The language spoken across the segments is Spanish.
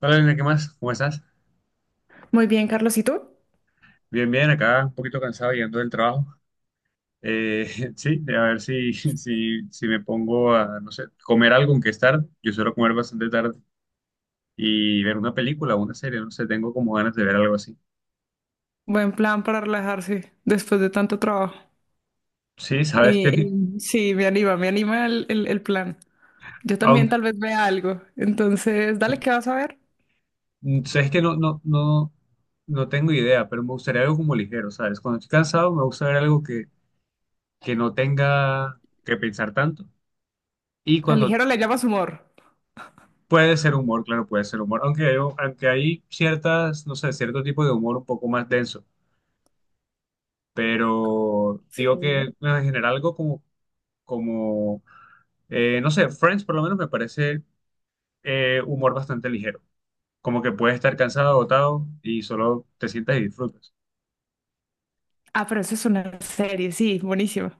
Hola, Elena, ¿qué más? ¿Cómo estás? Muy bien, Carlos, ¿y tú? Bien, bien, acá un poquito cansado llegando del trabajo. Eh, sí, a ver si me pongo a, no sé, comer algo, aunque es tarde. Yo suelo comer bastante tarde y ver una película o una serie, no sé, tengo como ganas de ver algo así. Buen plan para relajarse después de tanto trabajo. Sí, sabes que, Y, y sí, me anima el plan. Yo también aunque, tal vez vea algo. Entonces, dale, ¿qué vas a ver? sabes que no, no tengo idea, pero me gustaría algo como ligero, ¿sabes? Cuando estoy cansado me gusta ver algo que no tenga que pensar tanto y Al cuando ligero le llamas humor. puede ser humor, claro, puede ser humor, aunque hay ciertas, no sé, cierto tipo de humor un poco más denso, pero digo que Sí. en general algo como, como no sé, Friends por lo menos me parece humor bastante ligero, como que puedes estar cansado, agotado y solo te sientas y disfrutas. Ah, pero eso es una serie, sí, buenísima.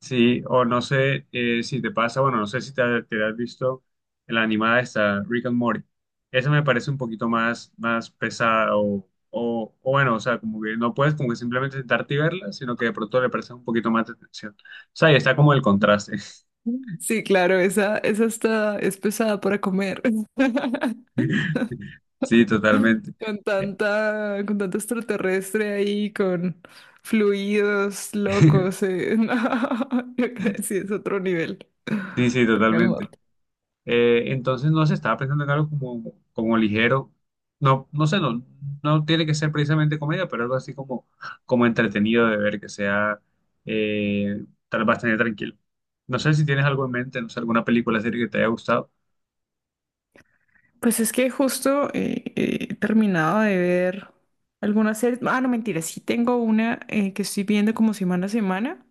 Sí, o no sé si te pasa, bueno, no sé si te has visto la animada esta, Rick and Morty. Esa me parece un poquito más, más pesada o bueno, o sea, como que no puedes como que simplemente sentarte y verla, sino que de pronto le prestas un poquito más de atención. O sea, y está como el contraste. Sí, claro, esa está, es pesada para comer. Sí, totalmente. Con tanto extraterrestre ahí, con fluidos locos, no, yo creo que sí es otro nivel. Sí, sí, Rick and totalmente. Morty. Entonces, no se estaba pensando en algo como, como ligero. No, no sé, no, no tiene que ser precisamente comedia, pero algo así como, como entretenido de ver, que sea tal bastante tranquilo. No sé si tienes algo en mente, no sé, alguna película, serie que te haya gustado. Pues es que justo he terminado de ver algunas series. Ah, no, mentira, sí tengo una que estoy viendo como semana a semana.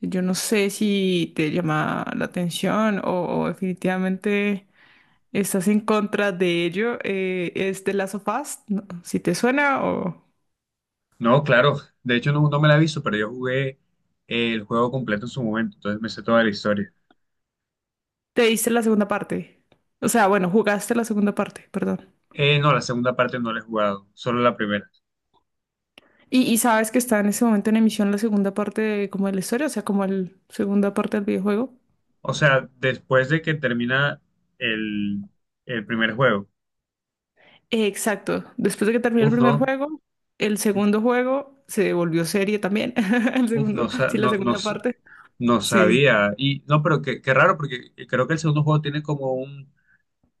Yo no sé si te llama la atención o definitivamente estás en contra de ello. Es The Last of Us, ¿no? Si te suena o... No, claro, de hecho no, no me la he visto, pero yo jugué el juego completo en su momento, entonces me sé toda la historia. Te diste la segunda parte. O sea, bueno, jugaste la segunda parte, perdón. No, la segunda parte no la he jugado, solo la primera. Y sabes que está en ese momento en emisión la segunda parte de, como de la historia, o sea, como la segunda parte del videojuego. O sea, después de que termina el, el primer juego. Exacto. Después de que terminó el Uf, primer no. juego, el segundo juego se volvió serie también. El Uf, segundo, no, sí, la no, segunda parte. no Sí. sabía. Y no, pero qué, qué raro, porque creo que el segundo juego tiene como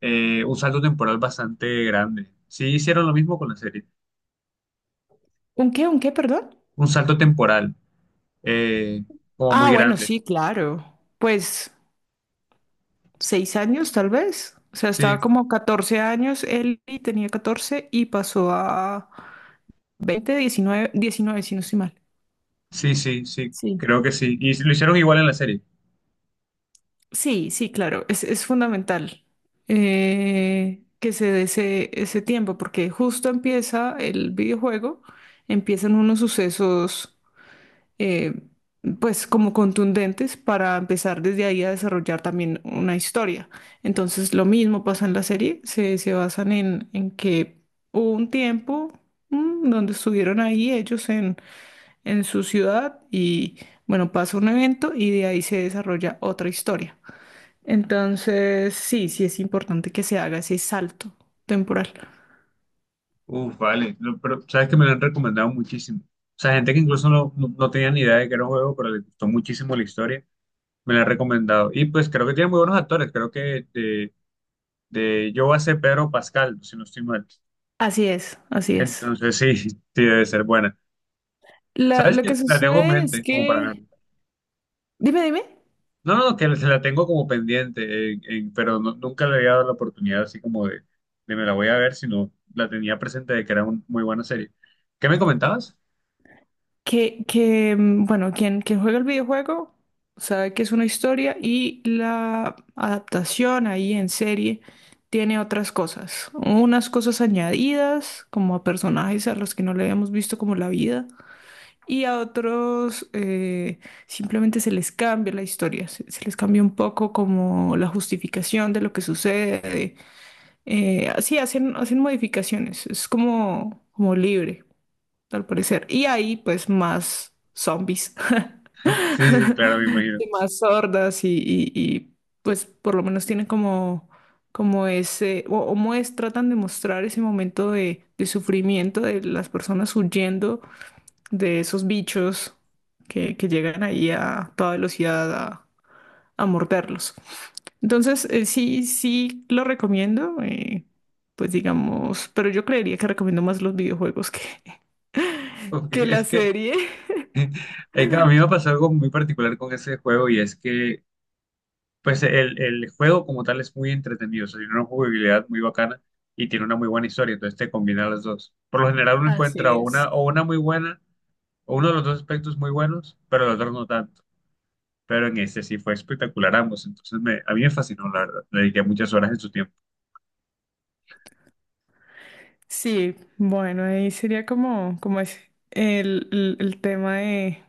un salto temporal bastante grande. Sí, hicieron lo mismo con la serie. ¿Un qué? ¿Un qué? Perdón. Un salto temporal, eh, como Ah, muy bueno, grande. sí, claro. Pues seis años tal vez. O sea, Sí, estaba como 14 años él y tenía 14 y pasó a 20 diecinueve si no estoy mal. sí, sí, sí, Sí. creo que sí. Y lo hicieron igual en la serie. Sí, sí, claro, es fundamental, que se dé ese tiempo, porque justo empieza el videojuego, empiezan unos sucesos, eh, pues como contundentes para empezar desde ahí a desarrollar también una historia. Entonces lo mismo pasa en la serie, se basan en que hubo un tiempo, donde estuvieron ahí ellos en su ciudad y bueno, pasa un evento y de ahí se desarrolla otra historia. Entonces, sí, sí es importante que se haga ese salto temporal. Uf, vale. Lo- pero sabes que me lo han recomendado muchísimo. O sea, gente que incluso no tenía ni idea de que era un juego, pero le gustó muchísimo la historia. Me la han recomendado. Y pues creo que tiene muy buenos actores. Creo que de Joa Pedro Pascal, si no estoy mal. Así es, así es. Entonces sí, sí debe ser buena. ¿Sabes Lo que que la tengo en sucede es mente como para que, dime, dime, no, no, que se la tengo como pendiente, pero nunca le había dado la oportunidad así como de me la voy a ver, sino la tenía presente de que era una muy buena serie. ¿Qué me comentabas? que, bueno, quien juega el videojuego sabe que es una historia y la adaptación ahí en serie tiene otras cosas, unas cosas añadidas como a personajes a los que no le habíamos visto como la vida. Y a otros, simplemente se les cambia la historia, se les cambia un poco como la justificación de lo que sucede. Así hacen modificaciones, es como libre, al parecer. Y ahí pues más zombies, Sí, sí, claro, me imagino. y más sordas y, pues por lo menos tienen como ese, o tratan de mostrar ese momento de sufrimiento de las personas huyendo de esos bichos que llegan ahí a toda velocidad a morderlos. Entonces, sí, sí lo recomiendo, pues digamos, pero yo creería que recomiendo más los videojuegos que, Ok, que la es que serie. Claro, a mí me pasó algo muy particular con ese juego y es que pues el juego como tal es muy entretenido, o sea, tiene una jugabilidad muy bacana y tiene una muy buena historia, entonces te combina las dos. Por lo general uno Así encuentra es. o una muy buena, o uno de los dos aspectos muy buenos, pero los otros no tanto. Pero en este sí fue espectacular ambos, entonces me, a mí me fascinó, la verdad. Le dediqué muchas horas en su tiempo. Sí, bueno, ahí sería como es el tema de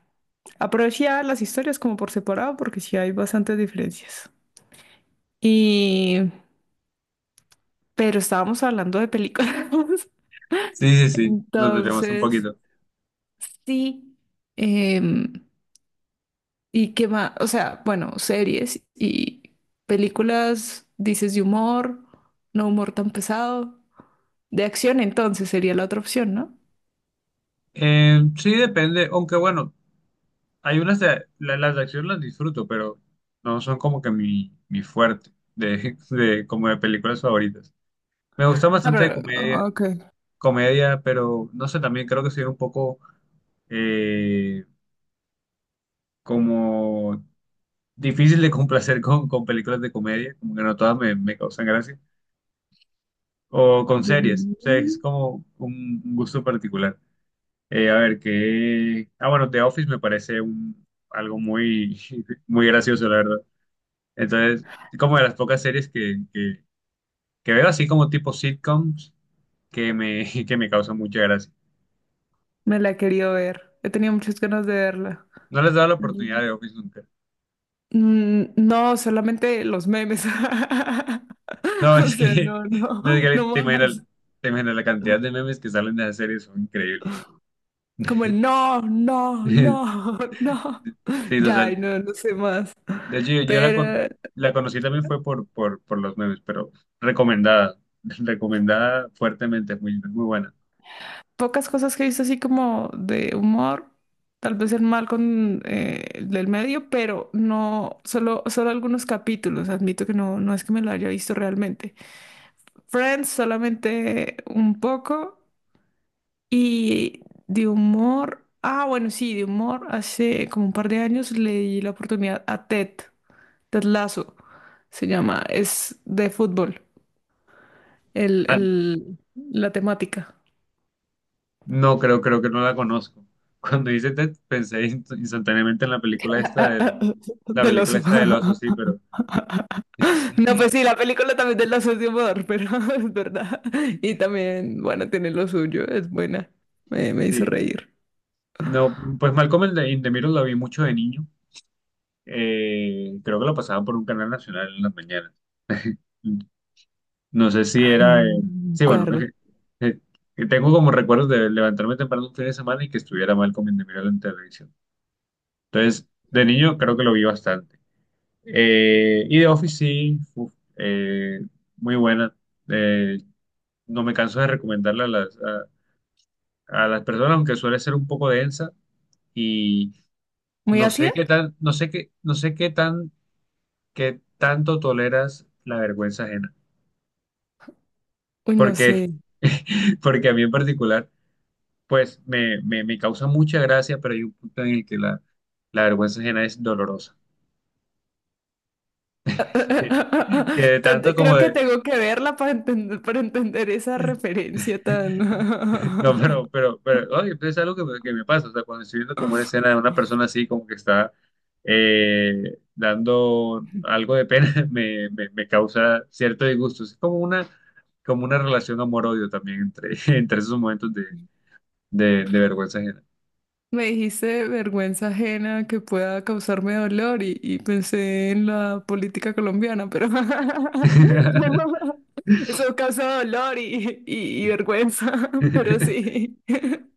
aprovechar las historias como por separado, porque sí hay bastantes diferencias. Y, pero estábamos hablando de películas. Sí, sí, sí, nos debemos un Entonces, poquito. sí. em, ¿Y qué más? O sea, bueno, series y películas, dices de humor, no humor tan pesado. De acción, entonces sería la otra opción, ¿no? Sí, depende, aunque bueno, hay unas de, las de acción las disfruto, pero no son como que mi fuerte de, de, como de películas favoritas. Me gusta Ah, bastante pero, comedia, ok. comedia, pero no sé, también creo que soy un poco eh, como difícil de complacer con películas de comedia, como que no todas me, me causan gracia, o con series, o sea, es como un gusto particular. A ver, qué... Ah, bueno, The Office me parece un, algo muy, muy gracioso, la verdad. Entonces, como de las pocas series que, que veo así como tipo sitcoms que me, que me causan mucha gracia. Me la he querido ver. He tenido muchas ganas de verla. No les he dado la oportunidad de The Office nunca. Mm, no, solamente los memes. No, O es sea, que, no, no, no, es que no más. te imaginas la cantidad de memes que salen de esa serie, son increíbles. Como el no, no, no, no. Sí, Ya, ay, total. no, no sé más. De hecho, yo la, con, Pero la conocí también fue por, por los memes, pero recomendada, recomendada fuertemente, es muy, muy buena. pocas cosas que he visto así como de humor, tal vez el mal con, el del medio, pero no, solo algunos capítulos, admito que no, no es que me lo haya visto realmente. Friends solamente un poco y de humor, ah, bueno, sí, de humor, hace como un par de años le di la oportunidad a Ted, Ted Lasso, se llama, es de fútbol, el, Ah, el, la temática. no, creo, creo que no la conozco. Cuando hice Ted, pensé instantáneamente en la película esta Ah, del, la del película oso. esta del oso, sí, pero No, pues sí, la película también del oso es de humor, pero es verdad. Y también, bueno, tiene lo suyo, es buena. Me hizo sí. reír. No, pues Malcolm in in the Middle la vi mucho de niño. Creo que lo pasaban por un canal nacional en las mañanas. No sé si Ah, no, era... no me sí, bueno, acuerdo. eh, que tengo como recuerdos de levantarme temprano un fin de semana y que estuviera mal in the Middle en televisión. Entonces, de niño creo que lo vi bastante. Y de Office sí, uf, muy buena. Eh, no me canso de recomendarla a las personas, aunque suele ser un poco densa y ¿Muy no sé ácida? qué tan, no sé qué, no sé qué tan, qué tanto toleras la vergüenza ajena. Uy, no Porque, sé. porque a mí en particular... pues me causa mucha gracia, pero hay un punto en el que la vergüenza ajena es dolorosa. Que, que de tanto como Creo que de... tengo que verla para entender esa referencia tan... No, pero, oye, pues es algo que me pasa, o sea, cuando estoy viendo como una escena de una persona así, como que está dando algo de pena, me causa cierto disgusto. Es como una relación amor-odio también entre, entre esos momentos de, de vergüenza ajena. Me dijiste vergüenza ajena que pueda causarme dolor y pensé en la política colombiana, pero eso causa dolor y, y vergüenza, pero sí.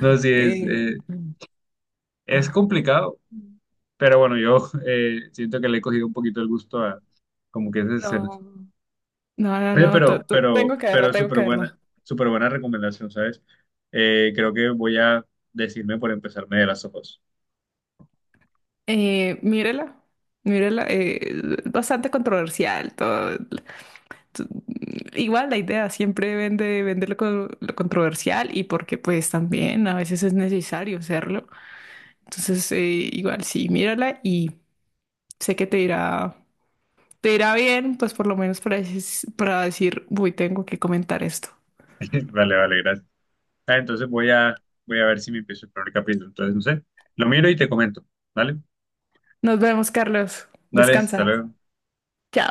No, sí, Eh, es complicado. Pero bueno, yo siento que le he cogido un poquito el gusto a como que ese ser. no, no, no, Oye, no, tengo que verla, pero tengo que verla. súper buena recomendación, ¿sabes? Creo que voy a decirme por empezarme de las ojos. Mírela, mírela, bastante controversial todo, t- Igual la idea siempre vender lo, lo controversial y porque pues también a veces es necesario hacerlo. Entonces, igual sí, mírala y sé que te irá bien, pues por lo menos para, para decir, uy, tengo que comentar esto. Vale, vale, gracias. Ah, entonces voy a, voy a ver si me empiezo el primer capítulo. Entonces, no sé, lo miro y te comento. ¿Vale? Nos vemos, Carlos. Dale, hasta Descansa. luego. Chao.